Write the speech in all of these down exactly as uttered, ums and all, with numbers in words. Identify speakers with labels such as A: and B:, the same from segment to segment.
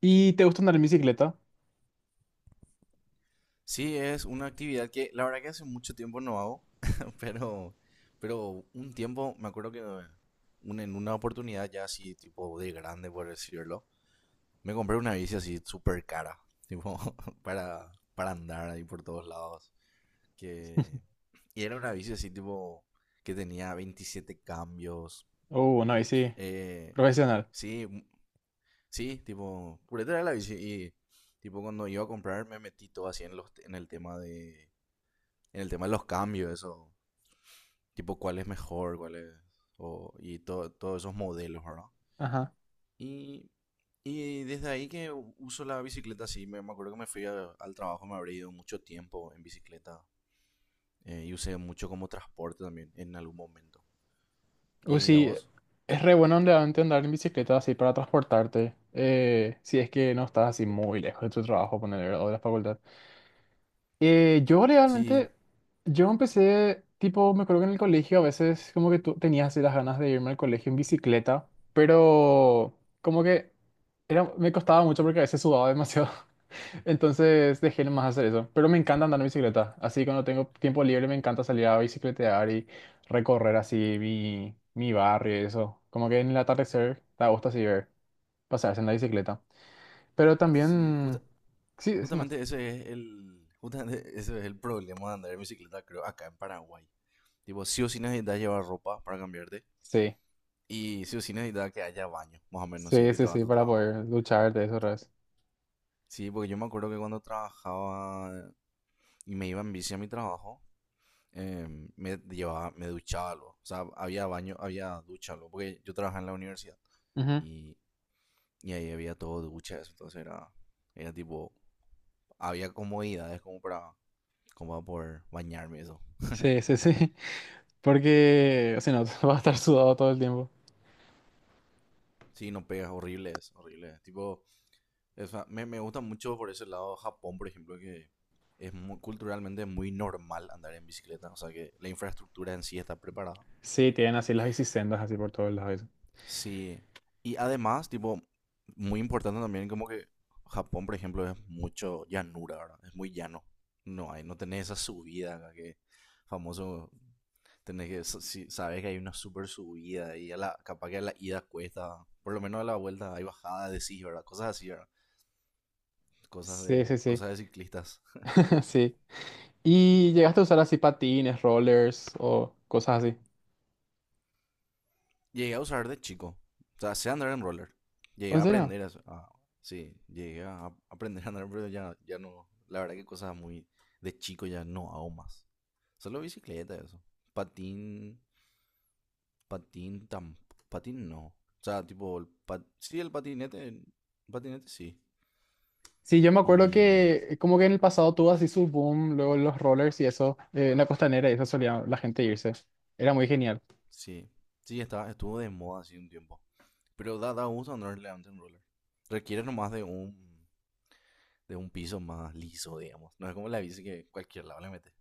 A: ¿Y te gusta andar en bicicleta?
B: Sí, es una actividad que la verdad que hace mucho tiempo no hago, pero, pero un tiempo, me acuerdo que un- en una oportunidad ya así, tipo de grande, por decirlo, me compré una bici así súper cara, tipo, para, para andar ahí por todos lados. Que, y era una bici así, tipo, que tenía veintisiete cambios.
A: Uh, una bici
B: eh,
A: profesional.
B: sí, m- sí, tipo, pureta era la bici y, tipo, cuando iba a comprar me metí todo así en, los, en el tema de en el tema de los cambios, eso, tipo cuál es mejor, cuál es, o- y todo, todos esos modelos, ¿verdad?
A: Ajá.
B: Y, y desde ahí que u- uso la bicicleta, sí, me, me acuerdo que me fui a- al trabajo, me habría ido mucho tiempo en bicicleta, eh, y usé mucho como transporte también en algún momento.
A: Uh,
B: ¿Y a
A: sí,
B: vos?
A: es re bueno realmente andar en bicicleta así para transportarte. Eh, si es que no estás así muy lejos de tu trabajo, poner o de la facultad. Eh, yo
B: Sí,
A: realmente, yo empecé, tipo, me acuerdo que en el colegio a veces como que tú tenías así las ganas de irme al colegio en bicicleta, pero como que era, me costaba mucho porque a veces sudaba demasiado. Entonces dejé más hacer eso. Pero me encanta andar en bicicleta. Así cuando tengo tiempo libre me encanta salir a bicicletear y recorrer así mi, mi barrio y eso. Como que en el atardecer te gusta así ver, pasarse en la bicicleta. Pero
B: sí, justa-
A: también... Sí, sí, más.
B: justamente ese es el, justamente ese es el problema de andar en bicicleta, creo, acá en Paraguay. Tipo, sí o sí necesitas llevar ropa para cambiarte.
A: Sí,
B: Y sí o sí necesitaba que haya baño, más o menos, si es
A: sí,
B: que
A: sí,
B: te vas a
A: sí,
B: tu
A: para
B: trabajo.
A: poder luchar de eso otra vez.
B: Sí, porque yo me acuerdo que cuando trabajaba y me iba en bici a mi trabajo, eh, me llevaba, me duchaba algo. O sea, había baño, había ducha algo, porque yo trabajaba en la universidad.
A: Ujú.
B: Y, y ahí había todo duchas, entonces era, era tipo, había comodidades como para, como para poder bañarme y eso.
A: Sí, sí, sí. Porque si no, vas a estar sudado todo el tiempo.
B: Sí, no pegas, horrible, es horrible. Es. Tipo, o sea, me, me gusta mucho por ese lado Japón, por ejemplo, que es muy, culturalmente muy normal andar en bicicleta. O sea que la infraestructura en sí está preparada.
A: Sí, tienen así las bicisendas así por todos lados. Eso.
B: Sí. Y además, tipo, muy importante también como que Japón, por ejemplo, es mucho llanura, ¿verdad? Es muy llano. No hay, no tenés esa subida acá que famoso, tenés que, sa- si sabes que hay una super subida y a la, capaz que a la ida cuesta, por lo menos a la vuelta hay bajada de sí, ¿verdad? Cosas así, ¿verdad? Cosas
A: Sí,
B: de,
A: sí, sí.
B: cosas de ciclistas.
A: Sí. ¿Y llegaste a usar así patines, rollers o cosas así?
B: Llegué a usar de chico. O sea, sé andar en roller. Llegué
A: ¿En
B: a
A: serio?
B: aprender a... a- sí, llegué a a- aprender a andar, pero ya, ya no. La verdad que cosas muy de chico ya no hago más. Solo bicicleta, eso. Patín, patín, tam, patín no. O sea, tipo, el pat, sí, el patinete, patinete sí.
A: Sí, yo me acuerdo
B: Y
A: que como que en el pasado tuvo así su boom, luego los rollers y eso, eh, en la costanera y eso solía la gente irse. Era muy genial.
B: sí, sí, estaba, estuvo de moda así un tiempo. Pero da, da gusto andar adelante en roller. Requiere nomás de un, de un piso más liso, digamos. No es como la bici que cualquier lado le mete.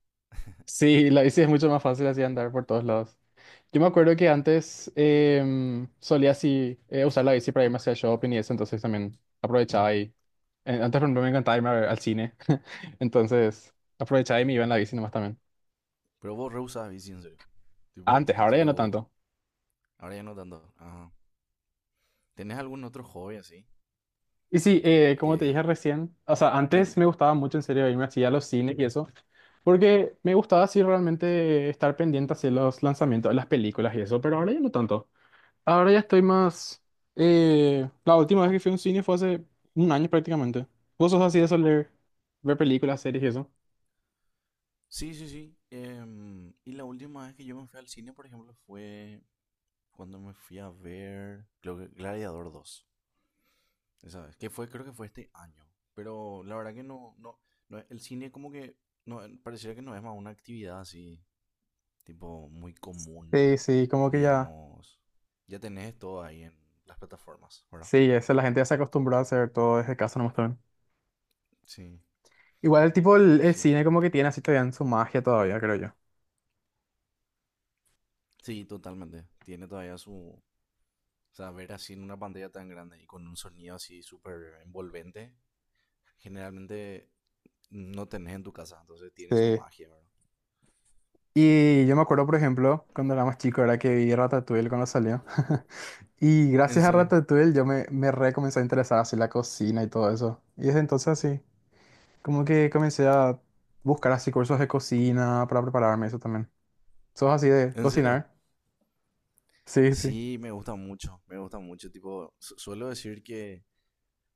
A: Sí, la bici es mucho más fácil así andar por todos lados. Yo me acuerdo que antes em, solía así eh, usar la bici para irme hacia el shopping y eso, entonces también aprovechaba y... eh, Antes, por ejemplo, me encantaba irme a ver al cine, entonces aprovechaba y me iba en la bici nomás también.
B: Pero vos re usabas bici, en serio. Tipo,
A: Antes,
B: en
A: ahora ya
B: serio
A: no
B: vos.
A: tanto.
B: Ahora ya no tanto. Ajá. ¿Tenés algún otro hobby así?
A: Y sí, eh, como te dije
B: Que.
A: recién, o sea, antes me gustaba mucho en serio irme así a los cines y eso, porque me gustaba así realmente estar pendiente hacia los lanzamientos de las películas y eso, pero ahora ya no tanto. Ahora ya estoy más... eh, La última vez que fui a un cine fue hace un año prácticamente. ¿Vos sos así de soler ver películas, series y eso?
B: Sí, sí, sí. Em, y la última vez que yo me fui al cine, por ejemplo, fue cuando me fui a ver. Creo que Gladiador dos. Esa vez. Que fue, creo que fue este año. Pero la verdad que no, no, no, el cine como que no, pareciera que no es más una actividad así, tipo muy común,
A: Sí, sí, como que ya...
B: digamos. Ya tenés todo ahí en las plataformas, ¿verdad?
A: Sí, eso, la gente ya se acostumbró a hacer todo desde casa nomás también.
B: Sí,
A: Igual el tipo, el,
B: pero
A: el
B: sí.
A: cine como que tiene así todavía en su magia todavía, creo yo.
B: Sí, totalmente. Tiene todavía su. O sea, ver así en una pantalla tan grande y con un sonido así súper envolvente, generalmente no tenés en tu casa, entonces tiene su
A: Sí.
B: magia, ¿verdad?
A: Y yo me acuerdo, por ejemplo, cuando era más chico, era que vi Ratatouille cuando salió. Y
B: ¿En
A: gracias a
B: serio?
A: Ratatouille yo me, me re comencé a interesar así la cocina y todo eso. Y desde entonces así, como que comencé a buscar así cursos de cocina para prepararme eso también. ¿Sos así de
B: ¿En serio?
A: cocinar? Sí, sí.
B: Sí, me gusta mucho, me gusta mucho. Tipo, su- suelo decir que,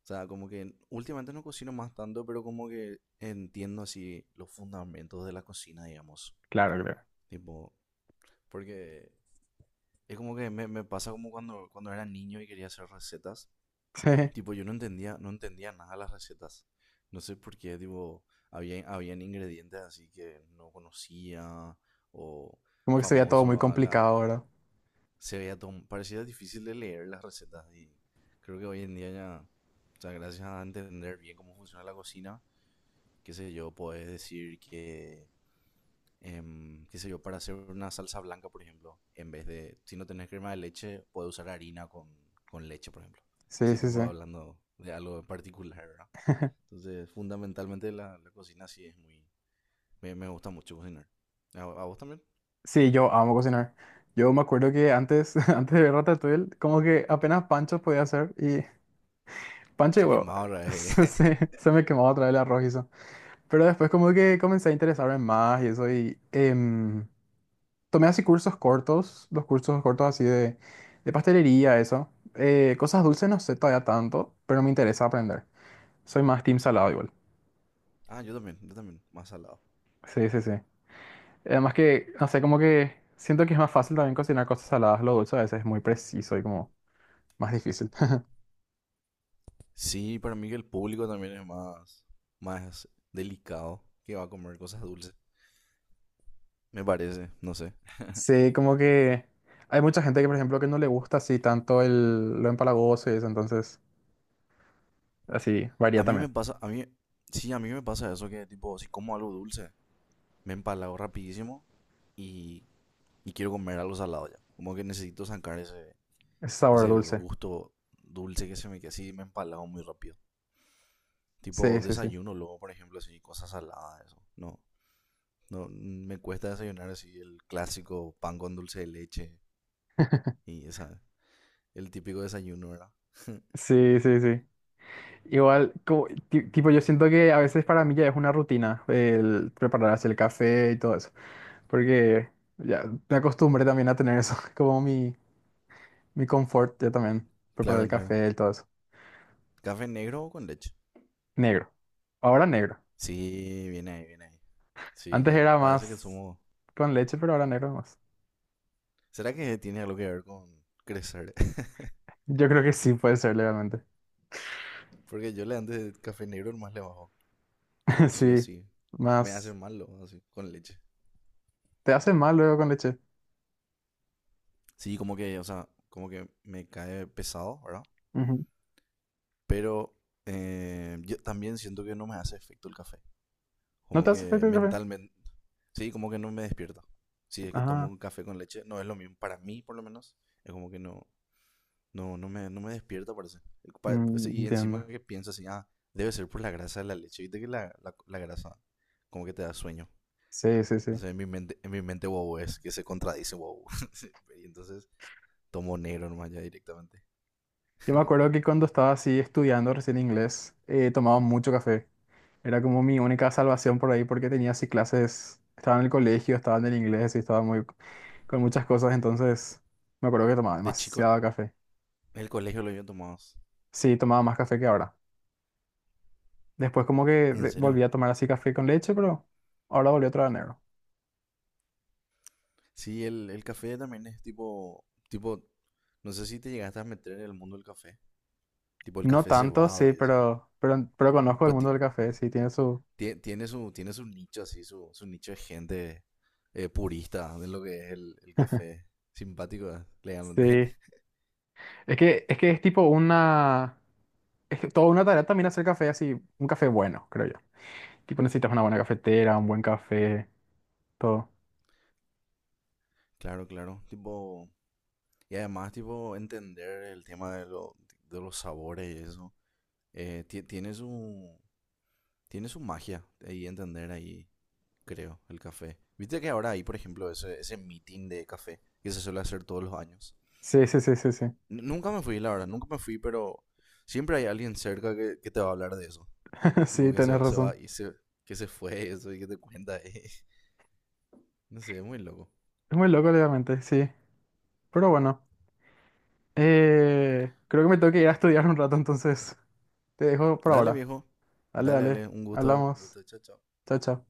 B: o sea, como que últimamente no cocino más tanto, pero como que entiendo así los fundamentos de la cocina, digamos.
A: Claro, claro.
B: Tipo, porque es como que me, me pasa como cuando, cuando era niño y quería hacer recetas.
A: Sí.
B: Tipo, yo no entendía, no entendía nada las recetas. No sé por qué, tipo, había, habían ingredientes así que no conocía o
A: Como que sería todo muy
B: famoso a la.
A: complicado, ¿verdad?
B: Se veía tom- parecía difícil de leer las recetas y creo que hoy en día ya, o sea, gracias a entender bien cómo funciona la cocina, qué sé yo, puedes decir que em, qué sé yo, para hacer una salsa blanca, por ejemplo, en vez de, si no tenés crema de leche, puedes usar harina con, con leche, por ejemplo.
A: Sí,
B: Si
A: sí,
B: tú
A: sí.
B: vas hablando de algo en particular, ¿verdad? Entonces, fundamentalmente la, la cocina sí es muy. Me, me gusta mucho cocinar. ¿A, a vos también?
A: Sí, yo amo cocinar. Yo me acuerdo que antes, antes de ver Ratatouille, como que apenas pancho podía hacer y Pancha y
B: Sé que
A: huevo.
B: más ahora. eh.
A: Sí, se me quemaba otra vez el arroz y eso. Pero después como que comencé a interesarme más y eso y em, tomé así cursos cortos, los cursos cortos así de, de pastelería, eso. Eh, cosas dulces no sé todavía tanto, pero me interesa aprender. Soy más team salado igual.
B: Ah, yo también, yo también. Más salado.
A: Sí, sí, sí. Además que, no sé, como que siento que es más fácil también cocinar cosas saladas. Lo dulce a veces es muy preciso y como más difícil.
B: Sí, para mí que el público también es más, más delicado que va a comer cosas dulces. Me parece, no sé.
A: Sí, como que hay mucha gente que, por ejemplo, que no le gusta así tanto el, lo empalagoso y eso, entonces... Así, varía
B: A mí
A: también.
B: me pasa, a mí, sí, a mí me pasa eso que tipo, si como algo dulce, me empalago rapidísimo y, y quiero comer algo salado ya. Como que necesito sacar ese,
A: Es sabor
B: ese
A: dulce.
B: gusto dulce que se me queda así, me empalago muy rápido.
A: Sí,
B: Tipo
A: sí, sí.
B: desayuno luego, por ejemplo, así, cosas saladas, eso. No, no, me cuesta desayunar así el clásico pan con dulce de leche y esa, el típico desayuno, ¿verdad?
A: Sí, sí, sí. Igual, como- ti- tipo, yo siento que a veces para mí ya es una rutina el prepararse el café y todo eso, porque ya me acostumbré también a tener eso como mi, mi confort, ya también, preparar el
B: Claro, claro.
A: café y todo eso.
B: ¿Café negro o con leche?
A: Negro. Ahora negro.
B: Sí, viene ahí, viene ahí. Sí,
A: Antes
B: ya.
A: era
B: Parece que
A: más
B: somos.
A: con leche, pero ahora negro más.
B: ¿Será que tiene algo que ver con crecer?
A: Yo creo que sí puede ser legalmente.
B: Porque yo le antes de café negro más le bajo. Todo sí o
A: Sí,
B: sí. Me hace
A: más...
B: malo, así, con leche.
A: ¿Te hace mal luego con leche?
B: Sí, como que, o sea, como que me cae pesado, ¿verdad?
A: Ujú.
B: Pero eh, yo también siento que no me hace efecto el café.
A: ¿No
B: Como
A: te hace
B: que
A: efecto el café?
B: mentalmente. Sí, como que no me despierta. Si es que tomo
A: Ah.
B: un café con leche, no es lo mismo. Para mí, por lo menos, es como que no. No, no me, no me despierta, parece. Pa- o
A: Mm,
B: Y encima
A: entiendo.
B: que pienso así, ah, debe ser por la grasa de la leche. Viste que la, la, la grasa como que te da sueño.
A: Sí, sí, sí.
B: Entonces en mi mente, en mi mente wow es que se contradice wow. Sí, y entonces tomo negro nomás ya directamente.
A: Yo me acuerdo que cuando estaba así estudiando recién inglés, eh, tomaba mucho café. Era como mi única salvación por ahí porque tenía así clases, estaba en el colegio, estaba en el inglés y estaba muy con muchas cosas, entonces me acuerdo que tomaba
B: De chico, en
A: demasiado café.
B: el colegio lo había tomado.
A: Sí, tomaba más café que ahora. Después como que
B: ¿En
A: de-
B: serio?
A: volví a tomar así café con leche, pero ahora volví otra vez negro.
B: Sí, el, el café también es tipo, tipo, no sé si te llegaste a meter en el mundo del café. Tipo el
A: No
B: café
A: tanto,
B: cebado
A: sí,
B: y eso.
A: pero, pero, pero conozco el
B: Pero
A: mundo
B: ti-
A: del café, sí, tiene su...
B: tie- tiene su, tiene su nicho así, su, su nicho de gente eh, purista de lo que es el, el café. Simpático, eh, le llaman de-
A: Sí, es que, es que es tipo una... Es que toda una tarea también hacer café así, un café bueno, creo yo. Tipo necesitas una buena cafetera, un buen café, todo.
B: Claro, claro. Tipo, y además, tipo, entender el tema de, lo- de los sabores y eso. eh, ti- tiene su, tiene su magia ahí entender ahí, creo, el café. Viste que ahora hay, por ejemplo, ese, ese meeting de café que se suele hacer todos los años.
A: Sí, sí, sí, sí, sí.
B: N- nunca me fui, la verdad, nunca me fui, pero siempre hay alguien cerca que, que te va a hablar de eso. Tipo,
A: Sí,
B: que se
A: tenés
B: va, se va
A: razón.
B: y se, que se fue, eso y que te cuenta. eh. No sé, es muy loco.
A: Es muy loco, obviamente, sí. Pero bueno, eh, creo que me tengo que ir a estudiar un rato, entonces te dejo por
B: Dale,
A: ahora.
B: viejo.
A: Dale,
B: Dale,
A: dale.
B: dale. Un gusto. Un
A: Hablamos.
B: gusto. Chao, chao.
A: Chao, chao.